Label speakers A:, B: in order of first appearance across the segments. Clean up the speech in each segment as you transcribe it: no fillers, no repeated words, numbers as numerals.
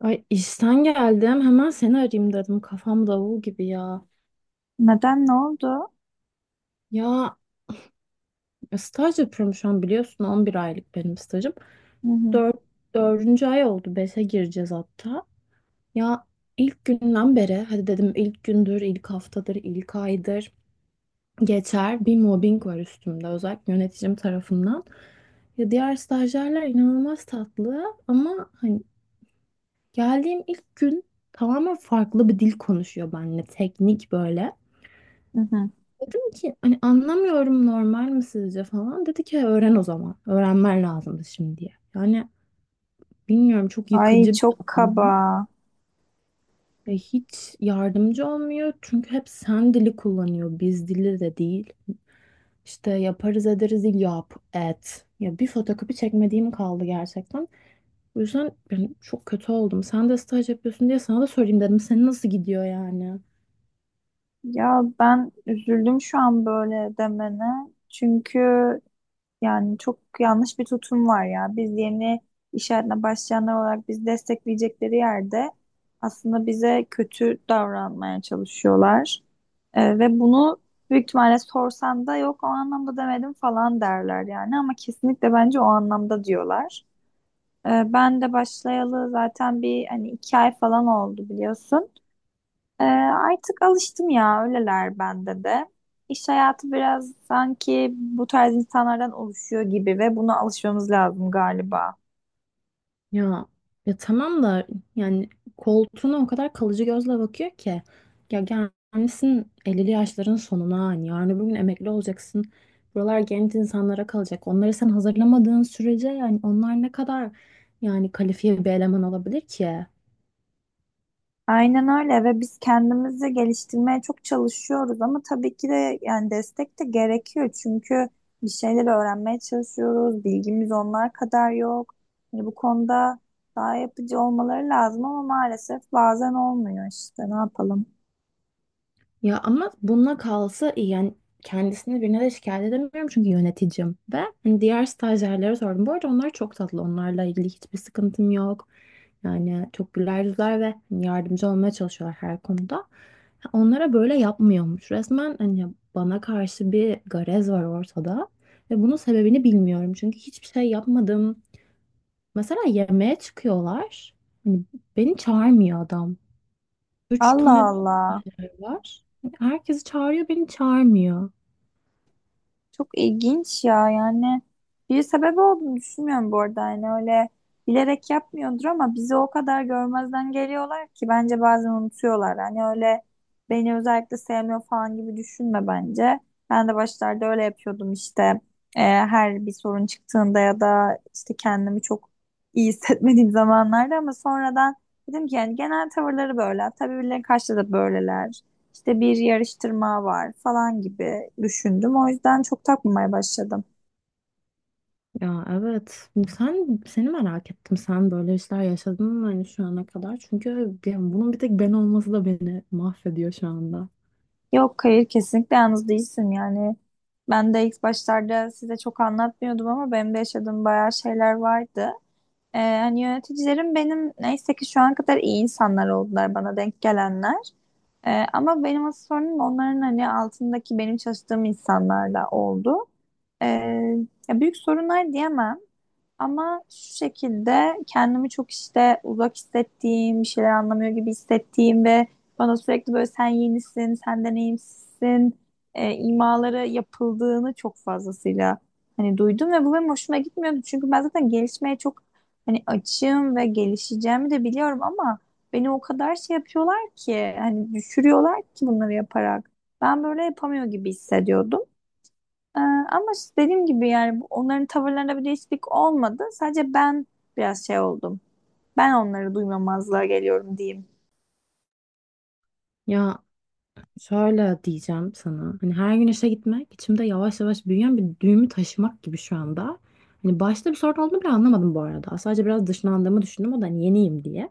A: Ay işten geldim. Hemen seni arayayım dedim. Kafam davul gibi ya.
B: Neden ne oldu?
A: Ya staj yapıyorum şu an biliyorsun. 11 aylık benim stajım.
B: Hı hı,
A: 4 Dördüncü ay oldu. 5'e gireceğiz hatta. Ya ilk günden beri hadi dedim, ilk gündür, ilk haftadır, ilk aydır geçer. Bir mobbing var üstümde. Özellikle yöneticim tarafından. Ya diğer stajyerler inanılmaz tatlı ama hani geldiğim ilk gün tamamen farklı bir dil konuşuyor benimle. Teknik böyle.
B: hı hı.
A: Dedim ki hani anlamıyorum, normal mi sizce falan. Dedi ki öğren o zaman. Öğrenmen lazımdı şimdiye. Yani bilmiyorum, çok
B: Ay
A: yıkıcı bir
B: çok kaba.
A: adam. Ve hiç yardımcı olmuyor. Çünkü hep sen dili kullanıyor. Biz dili de değil. İşte yaparız ederiz değil, yap et. Ya bir fotokopi çekmediğim kaldı gerçekten. O yüzden ben çok kötü oldum. Sen de staj yapıyorsun diye sana da sorayım dedim. Senin nasıl gidiyor yani?
B: Ya ben üzüldüm şu an böyle demene. Çünkü yani çok yanlış bir tutum var ya. Biz yeni iş hayatına başlayanlar olarak bizi destekleyecekleri yerde aslında bize kötü davranmaya çalışıyorlar. Ve bunu büyük ihtimalle sorsan da yok o anlamda demedim falan derler yani. Ama kesinlikle bence o anlamda diyorlar. Ben de başlayalı zaten bir hani iki ay falan oldu biliyorsun. Artık alıştım ya öyleler bende de. İş hayatı biraz sanki bu tarz insanlardan oluşuyor gibi ve buna alışmamız lazım galiba.
A: Ya ya tamam da, yani koltuğuna o kadar kalıcı gözle bakıyor ki, ya gelmişsin 50'li yaşların sonuna, hani yarın öbür gün emekli olacaksın. Buralar genç insanlara kalacak. Onları sen hazırlamadığın sürece yani onlar ne kadar yani kalifiye bir eleman olabilir ki?
B: Aynen öyle ve biz kendimizi geliştirmeye çok çalışıyoruz ama tabii ki de yani destek de gerekiyor çünkü bir şeyler öğrenmeye çalışıyoruz, bilgimiz onlar kadar yok. Yani bu konuda daha yapıcı olmaları lazım ama maalesef bazen olmuyor işte ne yapalım.
A: Ya ama bununla kalsa iyi. Yani kendisini birine de şikayet edemiyorum çünkü yöneticim. Ve hani diğer stajyerlere sordum. Bu arada onlar çok tatlı. Onlarla ilgili hiçbir sıkıntım yok. Yani çok güler yüzler ve hani yardımcı olmaya çalışıyorlar her konuda. Onlara böyle yapmıyormuş. Resmen hani bana karşı bir garez var ortada. Ve bunun sebebini bilmiyorum. Çünkü hiçbir şey yapmadım. Mesela yemeğe çıkıyorlar. Hani beni çağırmıyor adam. Üç
B: Allah
A: tane daha
B: Allah.
A: stajyer var. Herkesi çağırıyor, beni çağırmıyor.
B: Çok ilginç ya yani bir sebebi olduğunu düşünmüyorum bu arada yani öyle bilerek yapmıyordur ama bizi o kadar görmezden geliyorlar ki bence bazen unutuyorlar. Hani öyle beni özellikle sevmiyor falan gibi düşünme bence. Ben de başlarda öyle yapıyordum işte, her bir sorun çıktığında ya da işte kendimi çok iyi hissetmediğim zamanlarda ama sonradan dedim ki yani genel tavırları böyle tabii birilerine karşı da böyleler. İşte bir yarıştırma var falan gibi düşündüm. O yüzden çok takmamaya başladım.
A: Ya evet. Sen, seni merak ettim. Sen böyle işler yaşadın mı hani şu ana kadar? Çünkü ya bunun bir tek ben olması da beni mahvediyor şu anda.
B: Yok hayır kesinlikle yalnız değilsin yani. Ben de ilk başlarda size çok anlatmıyordum ama benim de yaşadığım bayağı şeyler vardı. Hani yöneticilerim benim neyse ki şu ana kadar iyi insanlar oldular bana denk gelenler. Ama benim asıl sorunum onların hani altındaki benim çalıştığım insanlarla oldu. Ee, Ya büyük sorunlar diyemem. Ama şu şekilde kendimi çok işte uzak hissettiğim, bir şeyler anlamıyor gibi hissettiğim ve bana sürekli böyle sen yenisin, sen deneyimsizsin imaları yapıldığını çok fazlasıyla hani duydum ve bu benim hoşuma gitmiyordu. Çünkü ben zaten gelişmeye çok hani açığım ve gelişeceğimi de biliyorum ama beni o kadar şey yapıyorlar ki hani düşürüyorlar ki bunları yaparak. Ben böyle yapamıyor gibi hissediyordum. Ama işte dediğim gibi yani onların tavırlarında bir değişiklik olmadı. Sadece ben biraz şey oldum. Ben onları duymamazlığa geliyorum diyeyim.
A: Ya şöyle diyeceğim sana. Hani her gün işe gitmek içimde yavaş yavaş büyüyen bir düğümü taşımak gibi şu anda. Hani başta bir sorun olduğunu bile anlamadım bu arada. Sadece biraz dışlandığımı düşündüm. O da hani yeniyim diye.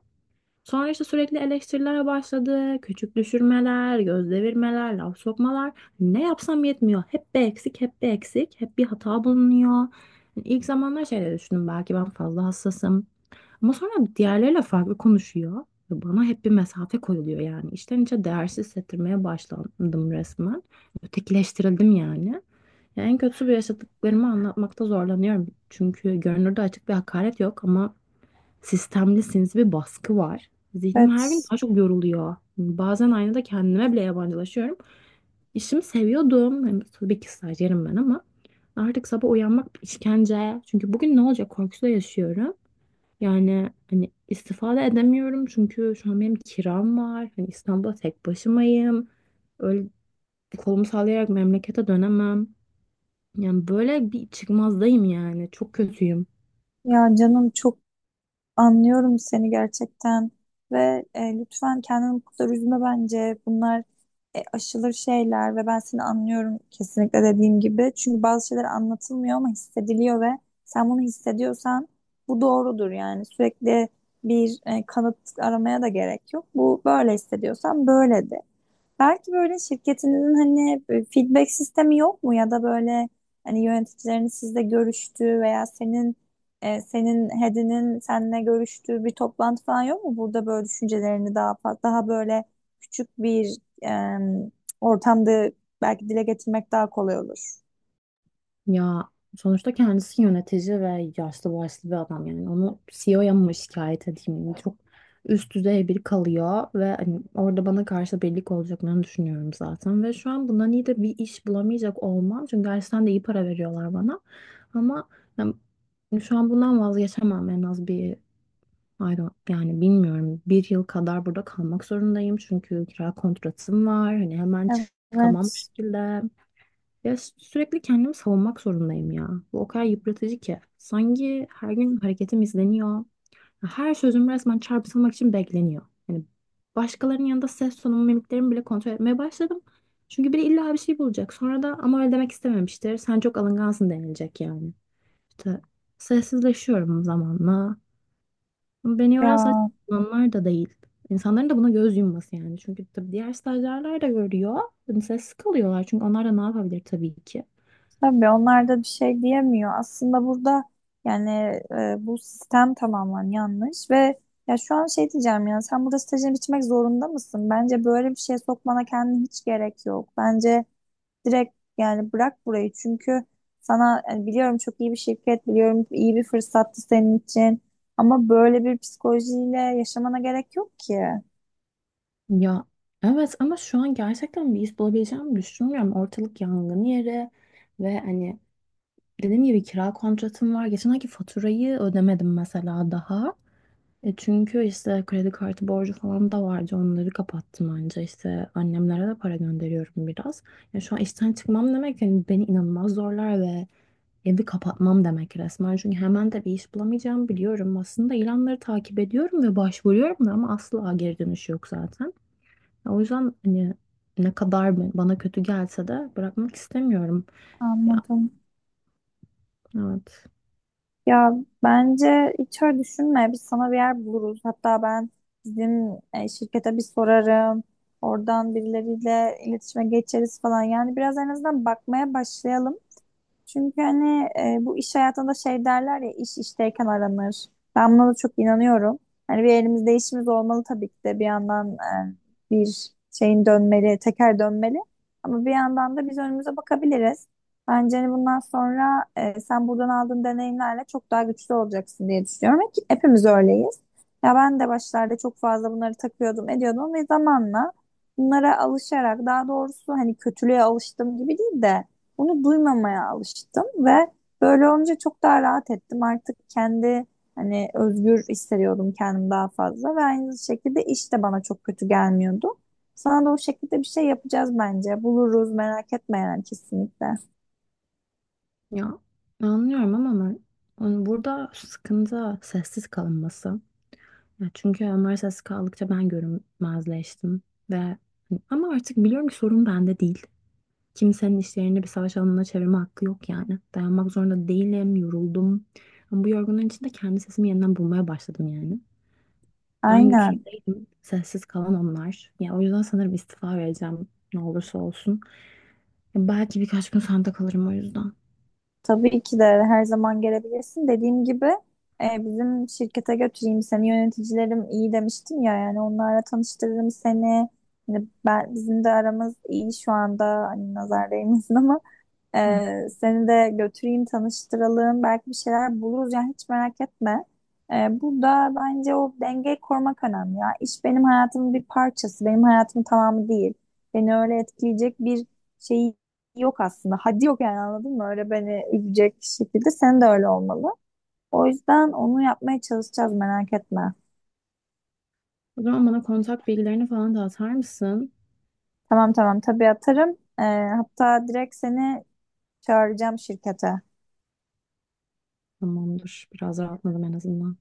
A: Sonra işte sürekli eleştirilere başladı. Küçük düşürmeler, göz devirmeler, laf sokmalar. Ne yapsam yetmiyor. Hep bir eksik, hep bir eksik, hep bir hata bulunuyor. Yani İlk zamanlar şeyleri düşündüm, belki ben fazla hassasım. Ama sonra diğerleriyle farklı konuşuyor. Ve bana hep bir mesafe koyuluyor yani. İçten içe değersiz hissettirmeye başlandım resmen. Ötekileştirildim yani. Ya en kötüsü, bu yaşadıklarımı anlatmakta zorlanıyorum. Çünkü görünürde açık bir hakaret yok ama sistemlisiniz bir baskı var. Zihnim her gün
B: Evet.
A: daha çok yoruluyor. Bazen aynada kendime bile yabancılaşıyorum. İşimi seviyordum. Hani tabii ki stajyerim ben ama artık sabah uyanmak bir işkence. Çünkü bugün ne olacak korkusuyla yaşıyorum. Yani hani istifade edemiyorum çünkü şu an benim kiram var. Hani İstanbul'da tek başımayım. Öyle kolumu sallayarak memlekete dönemem. Yani böyle bir çıkmazdayım yani. Çok kötüyüm.
B: Ya canım çok anlıyorum seni gerçekten ve lütfen kendini bu kadar üzme bence. Bunlar aşılır şeyler ve ben seni anlıyorum kesinlikle dediğim gibi. Çünkü bazı şeyler anlatılmıyor ama hissediliyor ve sen bunu hissediyorsan bu doğrudur yani. Sürekli bir kanıt aramaya da gerek yok. Bu böyle hissediyorsan böyle de. Belki böyle şirketinizin hani feedback sistemi yok mu ya da böyle hani yöneticilerin sizle görüştüğü veya senin senin head'inin seninle görüştüğü bir toplantı falan yok mu? Burada böyle düşüncelerini daha böyle küçük bir e, ortamda belki dile getirmek daha kolay olur.
A: Ya sonuçta kendisi yönetici ve yaşlı başlı bir adam, yani onu CEO'ya mı şikayet edeyim? Yani çok üst düzey biri kalıyor ve hani orada bana karşı birlik olacaklarını düşünüyorum zaten, ve şu an bundan iyi de bir iş bulamayacak olmam çünkü gerçekten de iyi para veriyorlar bana, ama yani şu an bundan vazgeçemem. En az bir I don't- yani bilmiyorum, bir yıl kadar burada kalmak zorundayım, çünkü kira kontratım var, hani hemen çıkamam bu
B: Evet,
A: şekilde. Ya sürekli kendimi savunmak zorundayım ya. Bu o kadar yıpratıcı ki. Sanki her gün hareketim izleniyor. Her sözüm resmen çarpıtılmak için bekleniyor. Yani başkalarının yanında ses tonumu, mimiklerimi bile kontrol etmeye başladım. Çünkü biri illa bir şey bulacak. Sonra da, ama öyle demek istememiştir, sen çok alıngansın denilecek yani. İşte sessizleşiyorum zamanla. Ama beni yoran sadece
B: ya
A: uzmanlar da değil. İnsanların da buna göz yumması yani. Çünkü tabii diğer stajyerler de görüyor. Hani sessiz kalıyorlar. Çünkü onlar da ne yapabilir tabii ki.
B: tabii onlar da bir şey diyemiyor. Aslında burada yani bu sistem tamamen yanlış ve ya şu an şey diyeceğim ya sen burada stajını bitirmek zorunda mısın? Bence böyle bir şeye sokmana kendine hiç gerek yok. Bence direkt yani bırak burayı çünkü sana yani biliyorum çok iyi bir şirket, biliyorum iyi bir fırsattı senin için ama böyle bir psikolojiyle yaşamana gerek yok ki.
A: Ya evet, ama şu an gerçekten bir iş bulabileceğimi düşünmüyorum. Ortalık yangın yeri ve hani dediğim gibi kira kontratım var. Geçen ayki faturayı ödemedim mesela daha. Çünkü işte kredi kartı borcu falan da vardı. Onları kapattım anca. İşte annemlere de para gönderiyorum biraz. Ya şu an işten çıkmam demek yani beni inanılmaz zorlar ve evi kapatmam demek resmen. Çünkü hemen de bir iş bulamayacağım, biliyorum. Aslında ilanları takip ediyorum ve başvuruyorum da, ama asla geri dönüş yok zaten. O yüzden hani ne kadar bana kötü gelse de bırakmak istemiyorum. Ya
B: Anladım.
A: evet.
B: Ya bence hiç öyle düşünme. Biz sana bir yer buluruz. Hatta ben bizim şirkete bir sorarım. Oradan birileriyle iletişime geçeriz falan. Yani biraz en azından bakmaya başlayalım. Çünkü hani bu iş hayatında şey derler ya iş işteyken aranır. Ben buna da çok inanıyorum. Hani bir elimizde işimiz olmalı tabii ki de bir yandan bir şeyin dönmeli, teker dönmeli. Ama bir yandan da biz önümüze bakabiliriz. Bence hani bundan sonra, sen buradan aldığın deneyimlerle çok daha güçlü olacaksın diye düşünüyorum. Ki hepimiz öyleyiz. Ya ben de başlarda çok fazla bunları takıyordum, ediyordum ve zamanla bunlara alışarak daha doğrusu hani kötülüğe alıştım gibi değil de bunu duymamaya alıştım ve böyle olunca çok daha rahat ettim. Artık kendi hani özgür hissediyordum kendimi daha fazla ve aynı şekilde iş de bana çok kötü gelmiyordu. Sana da o şekilde bir şey yapacağız bence. Buluruz merak etme yani kesinlikle.
A: Ya anlıyorum ama ben, yani burada sıkıntı sessiz kalınması. Ya çünkü onlar sessiz kaldıkça ben görünmezleştim ve hani, ama artık biliyorum ki sorun bende değil. Kimsenin işlerini bir savaş alanına çevirme hakkı yok yani. Dayanmak zorunda değilim, yoruldum. Ama bu yorgunluğun içinde kendi sesimi yeniden bulmaya başladım yani. Ben güçlü
B: Aynen.
A: değilim, sessiz kalan onlar. Ya o yüzden sanırım istifa vereceğim, ne olursa olsun. Ya belki birkaç gün sende kalırım o yüzden.
B: Tabii ki de her zaman gelebilirsin. Dediğim gibi, bizim şirkete götüreyim seni, yöneticilerim iyi demiştim ya yani onlarla tanıştırırım seni. Hani ben, bizim de aramız iyi şu anda hani nazar değmesin ama
A: Hı.
B: Seni de götüreyim, tanıştıralım. Belki bir şeyler buluruz. Yani hiç merak etme. Burada bence o dengeyi korumak önemli ya. İş benim hayatımın bir parçası. Benim hayatımın tamamı değil. Beni öyle etkileyecek bir şey yok aslında. Hadi yok yani anladın mı? Öyle beni üzecek şekilde sen de öyle olmalı. O yüzden onu yapmaya çalışacağız merak etme.
A: O zaman bana kontak bilgilerini falan da atar mısın?
B: Tamam tamam tabii atarım. Ee, Hatta direkt seni çağıracağım şirkete.
A: Tamamdır. Biraz rahatladım en azından.